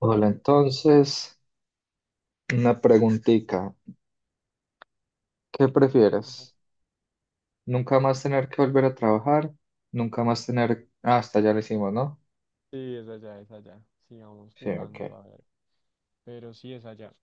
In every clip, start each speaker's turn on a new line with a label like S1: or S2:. S1: Hola, entonces, una preguntita. ¿Qué
S2: Ajá.
S1: prefieres? ¿Nunca más tener que volver a trabajar? ¿Nunca más tener... Ah, hasta ya lo hicimos, ¿no?
S2: Sí, es allá, es allá. Sigamos
S1: Sí, ok.
S2: jugando, a ver. Pero sí es allá.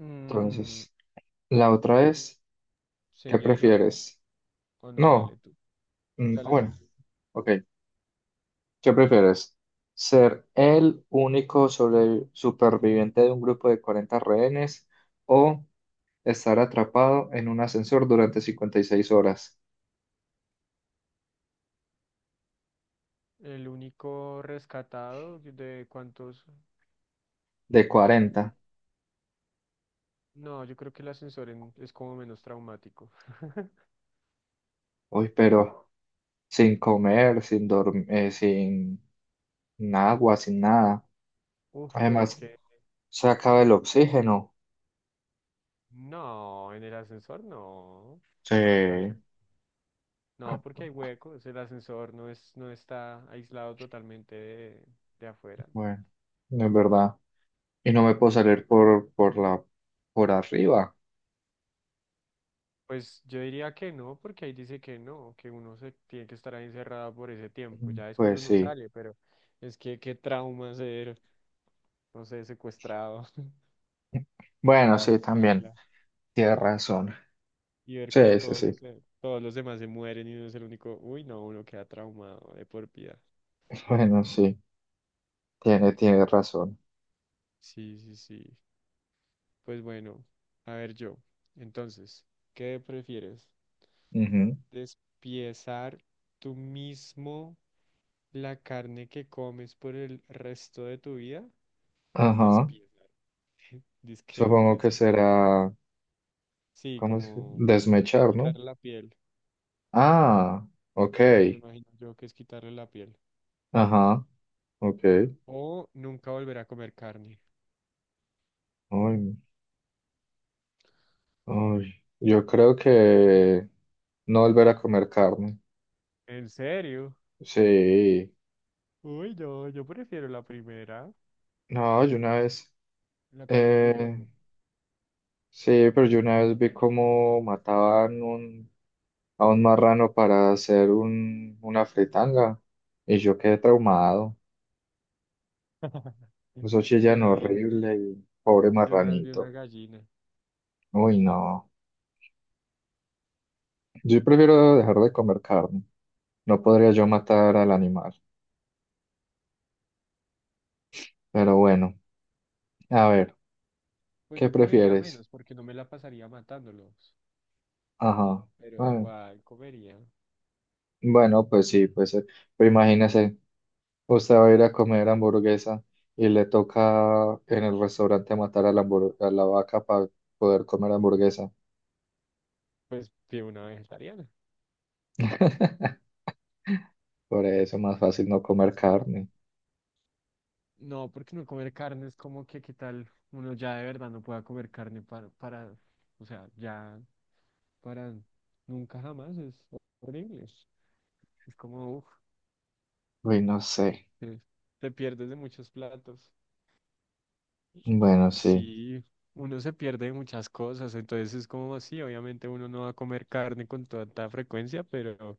S2: Mm,
S1: Entonces, la otra es, ¿qué
S2: ¿Seguía yo
S1: prefieres?
S2: o no? Dale
S1: No,
S2: tú. Dale tú.
S1: bueno, ok. ¿Qué prefieres? ¿Ser el único superviviente de un grupo de 40 rehenes o estar atrapado en un ascensor durante 56 horas
S2: El único rescatado de cuántos...
S1: de
S2: de cuán-
S1: 40?
S2: No, yo creo que el ascensor es como menos traumático.
S1: Uy, pero... sin comer, sin dormir, sin agua, sin nada.
S2: Uf, pero es
S1: Además,
S2: que...
S1: se acaba el oxígeno.
S2: No, en el ascensor no. Que se va a caer.
S1: Sí,
S2: No, porque hay huecos, el ascensor no es, no está aislado totalmente de afuera.
S1: bueno, es verdad. Y no me puedo salir por arriba.
S2: Pues yo diría que no, porque ahí dice que no, que uno se tiene que estar ahí encerrado por ese tiempo. Ya después
S1: Pues
S2: uno
S1: sí.
S2: sale, pero es que qué trauma ser, no sé, secuestrado,
S1: Bueno, sí, también.
S2: baila,
S1: Tiene razón.
S2: y ver cómo
S1: Sí, sí, sí.
S2: todos los demás se mueren y uno es el único. Uy, no, uno queda traumado de por vida.
S1: Bueno, sí. Tiene razón.
S2: Sí, sí, sí. Pues bueno, a ver yo. Entonces, ¿qué prefieres?
S1: Ujú.
S2: Despiezar tú mismo la carne que comes por el resto de tu vida,
S1: Ajá.
S2: despieza. Dizque,
S1: Supongo que será,
S2: sí,
S1: ¿cómo es? Que?
S2: como
S1: Desmechar, ¿no?
S2: quitar la piel.
S1: Ah, ok.
S2: Me imagino yo que es quitarle la piel.
S1: Ajá, ok.
S2: O nunca volver a comer carne.
S1: Ay, uy, yo creo que no volver a comer carne.
S2: ¿En serio?
S1: Sí,
S2: Uy, yo prefiero la primera.
S1: no, yo una vez,
S2: La carne es muy
S1: eh,
S2: buena.
S1: sí, pero yo una vez vi cómo mataban a un marrano para hacer una fritanga y yo quedé traumado. Eso
S2: Yo
S1: chillan
S2: una vez,
S1: horrible y pobre
S2: yo una vez vi una
S1: marranito.
S2: gallina.
S1: Uy, no. Yo prefiero dejar de comer carne. No podría yo matar al animal. Pero bueno, a ver,
S2: Pues
S1: ¿qué
S2: yo comería
S1: prefieres?
S2: menos porque no me la pasaría matándolos.
S1: Ajá.
S2: Pero
S1: Bueno.
S2: igual comería.
S1: Bueno, pues sí, pues imagínese, usted va a ir a comer hamburguesa y le toca en el restaurante matar a la, a la vaca para poder comer hamburguesa.
S2: Pues fui una vegetariana.
S1: Por eso es más fácil no comer
S2: Ay,
S1: carne.
S2: no, porque no comer carne es como que, ¿qué tal? Uno ya de verdad no pueda comer carne para, o sea, ya para nunca jamás es horrible. Es como, uff,
S1: Uy, no sé.
S2: te, te pierdes de muchos platos.
S1: Bueno, sí.
S2: Sí, uno se pierde de muchas cosas, entonces es como así, obviamente uno no va a comer carne con tanta frecuencia, pero,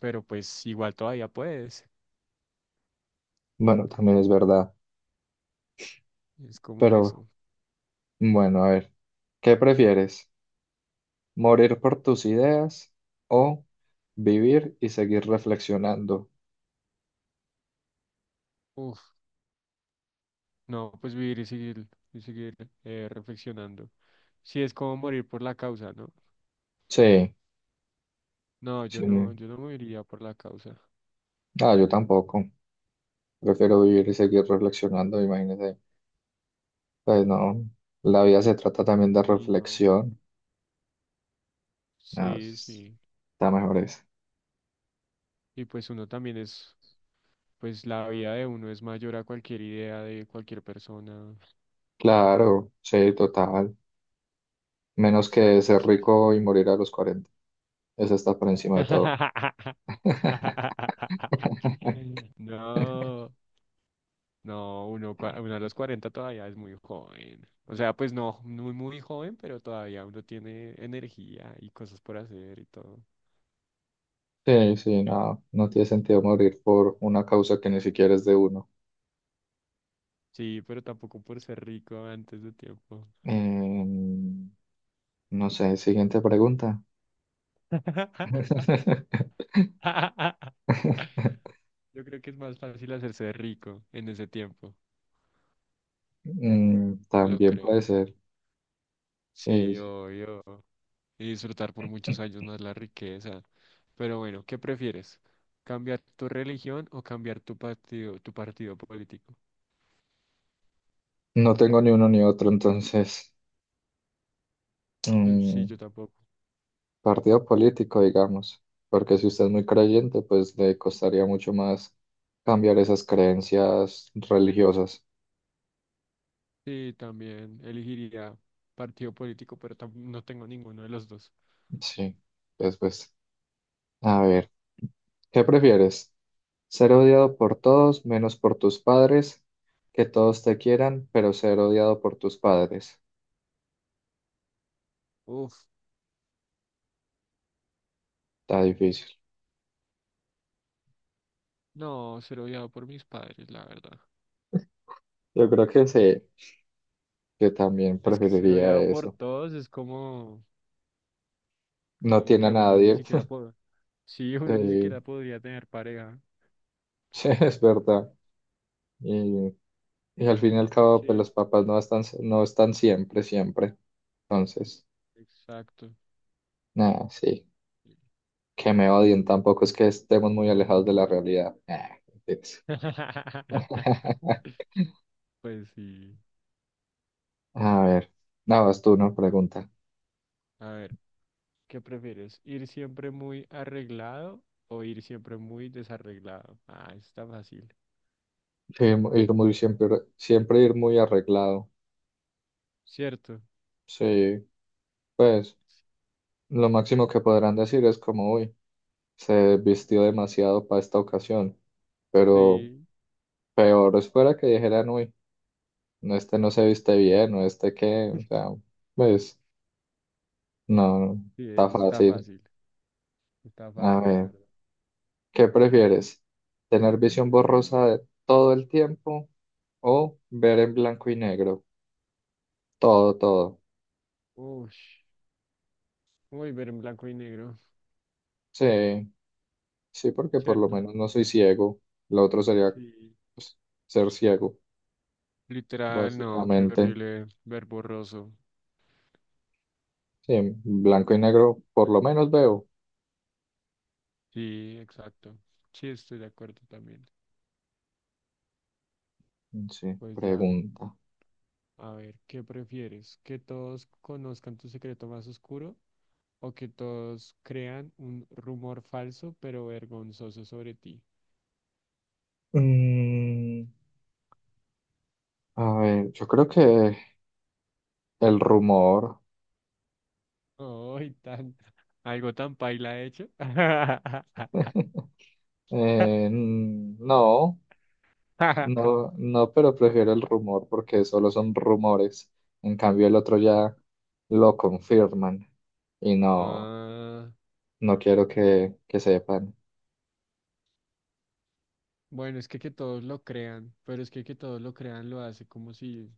S2: pero pues igual todavía puedes.
S1: Bueno, también es verdad.
S2: Es como
S1: Pero
S2: eso.
S1: bueno, a ver, ¿qué prefieres? ¿Morir por tus ideas o vivir y seguir reflexionando?
S2: Uf, no, pues vivir y seguir, y seguir reflexionando. Si es como morir por la causa, ¿no?
S1: Sí,
S2: No, yo
S1: sí.
S2: no, yo no moriría por la causa.
S1: Ah, yo tampoco. Prefiero vivir y seguir reflexionando, imagínese. Pues no, la vida se trata también de
S2: Sí, no.
S1: reflexión. No,
S2: Sí,
S1: es-
S2: sí.
S1: Está mejor eso.
S2: Y pues uno también es, pues la vida de uno es mayor a cualquier idea de cualquier persona.
S1: Claro, sí, total. Menos que
S2: Exacto,
S1: ser
S2: sí. Sí, sí.
S1: rico y morir a los 40. Eso está por encima de todo.
S2: No. No, uno, uno a los 40 todavía es muy joven. O sea, pues no, muy, muy joven, pero todavía uno tiene energía y cosas por hacer y todo.
S1: Sí, sí, no, no tiene sentido morir por una causa que ni siquiera es de uno.
S2: Sí, pero tampoco por ser rico antes de tiempo.
S1: Em, no sé, siguiente pregunta.
S2: Yo creo que es más fácil hacerse rico en ese tiempo.
S1: Mm,
S2: Lo
S1: también
S2: creo.
S1: puede ser. Sí,
S2: Sí,
S1: sí.
S2: obvio. Y disfrutar por muchos años más la riqueza. Pero bueno, ¿qué prefieres? ¿Cambiar tu religión o cambiar tu partido político?
S1: No tengo ni uno ni otro, entonces,
S2: Sí,
S1: mm,
S2: yo tampoco.
S1: partido político, digamos, porque si usted es muy creyente, pues le costaría mucho más cambiar esas creencias religiosas.
S2: Sí, también elegiría partido político, pero no tengo ninguno de los dos.
S1: Sí, después, a ver, ¿qué prefieres? ¿Ser odiado por todos menos por tus padres? Que todos te quieran, pero ser odiado por tus padres.
S2: Uf,
S1: Está difícil.
S2: no, ser odiado por mis padres, la verdad.
S1: Yo creo que sí, que también
S2: Es que ser
S1: preferiría
S2: odiado por
S1: eso.
S2: todos es como,
S1: No
S2: como
S1: tiene a
S2: que uno ni
S1: nadie.
S2: siquiera puede. Sí, uno ni
S1: Sí,
S2: siquiera podría tener pareja.
S1: sí, es verdad. Y y al fin y al cabo,
S2: Sí,
S1: pues
S2: es.
S1: los papás no están, siempre, siempre. Entonces,
S2: Exacto.
S1: nada, sí, que me odien, tampoco es que estemos muy alejados de la realidad. Nah, mentiras.
S2: Pues sí.
S1: A ver, nada, vas tú, ¿no? Pregunta.
S2: A ver, ¿qué prefieres? ¿Ir siempre muy arreglado o ir siempre muy desarreglado? Ah, está fácil.
S1: Sí, siempre ir muy arreglado.
S2: ¿Cierto?
S1: Sí, pues lo máximo que podrán decir es como, uy, se vistió demasiado para esta ocasión, pero
S2: Sí.
S1: peor es fuera que dijeran, uy, no, este no se viste bien, o este qué, o sea, pues. No,
S2: Sí,
S1: está fácil.
S2: está
S1: A
S2: fácil, la
S1: ver,
S2: verdad.
S1: ¿qué prefieres? ¿Tener visión borrosa de todo el tiempo o ver en blanco y negro? Todo, todo.
S2: Uy, uy, ver en blanco y negro,
S1: Sí, sí, porque por lo
S2: ¿cierto?
S1: menos no soy ciego. Lo otro sería
S2: Sí.
S1: pues, ser ciego,
S2: Literal, no, qué
S1: básicamente.
S2: horrible ver borroso.
S1: Sí, en blanco y negro por lo menos veo.
S2: Sí, exacto. Sí, estoy de acuerdo también.
S1: Sí,
S2: Pues ya,
S1: pregunta.
S2: a ver, ¿qué prefieres? ¿Que todos conozcan tu secreto más oscuro o que todos crean un rumor falso pero vergonzoso sobre ti?
S1: Mm, a ver, yo creo que el rumor.
S2: Ay, algo tan paila hecho.
S1: Mm, no. No, no, pero prefiero el rumor porque solo son rumores. En cambio, el otro ya lo confirman y no,
S2: Ah,
S1: no quiero que sepan.
S2: bueno, es que todos lo crean, pero es que todos lo crean lo hace como si...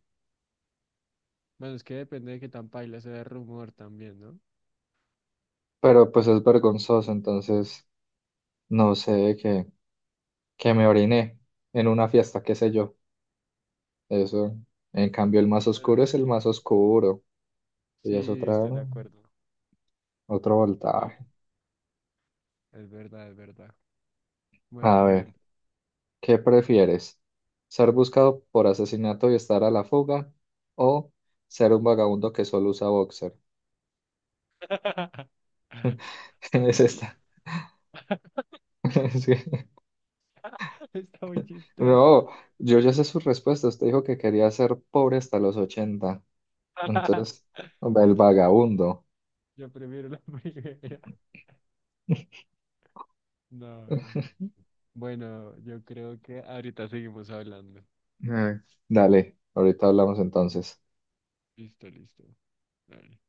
S2: Bueno, es que depende de qué tan paila sea el rumor también, ¿no?
S1: Pero pues es vergonzoso, entonces no sé que me oriné en una fiesta, qué sé yo. Eso. En cambio, el más oscuro
S2: Bueno,
S1: es el
S2: sí,
S1: más oscuro y es
S2: sí, estoy de acuerdo.
S1: otro
S2: Sí,
S1: voltaje.
S2: es verdad, es verdad. Bueno,
S1: A ver.
S2: pregunta.
S1: ¿Qué prefieres? ¿Ser buscado por asesinato y estar a la fuga? ¿O ser un vagabundo que solo usa boxer? Es esta. Es
S2: Está muy chistoso.
S1: no, yo ya sé sus respuestas. Usted dijo que quería ser pobre hasta los 80. Entonces, hombre, el vagabundo.
S2: Yo prefiero la primera. No. Bueno, yo creo que ahorita seguimos hablando.
S1: Ay, dale, ahorita hablamos entonces.
S2: Listo, listo. Dale.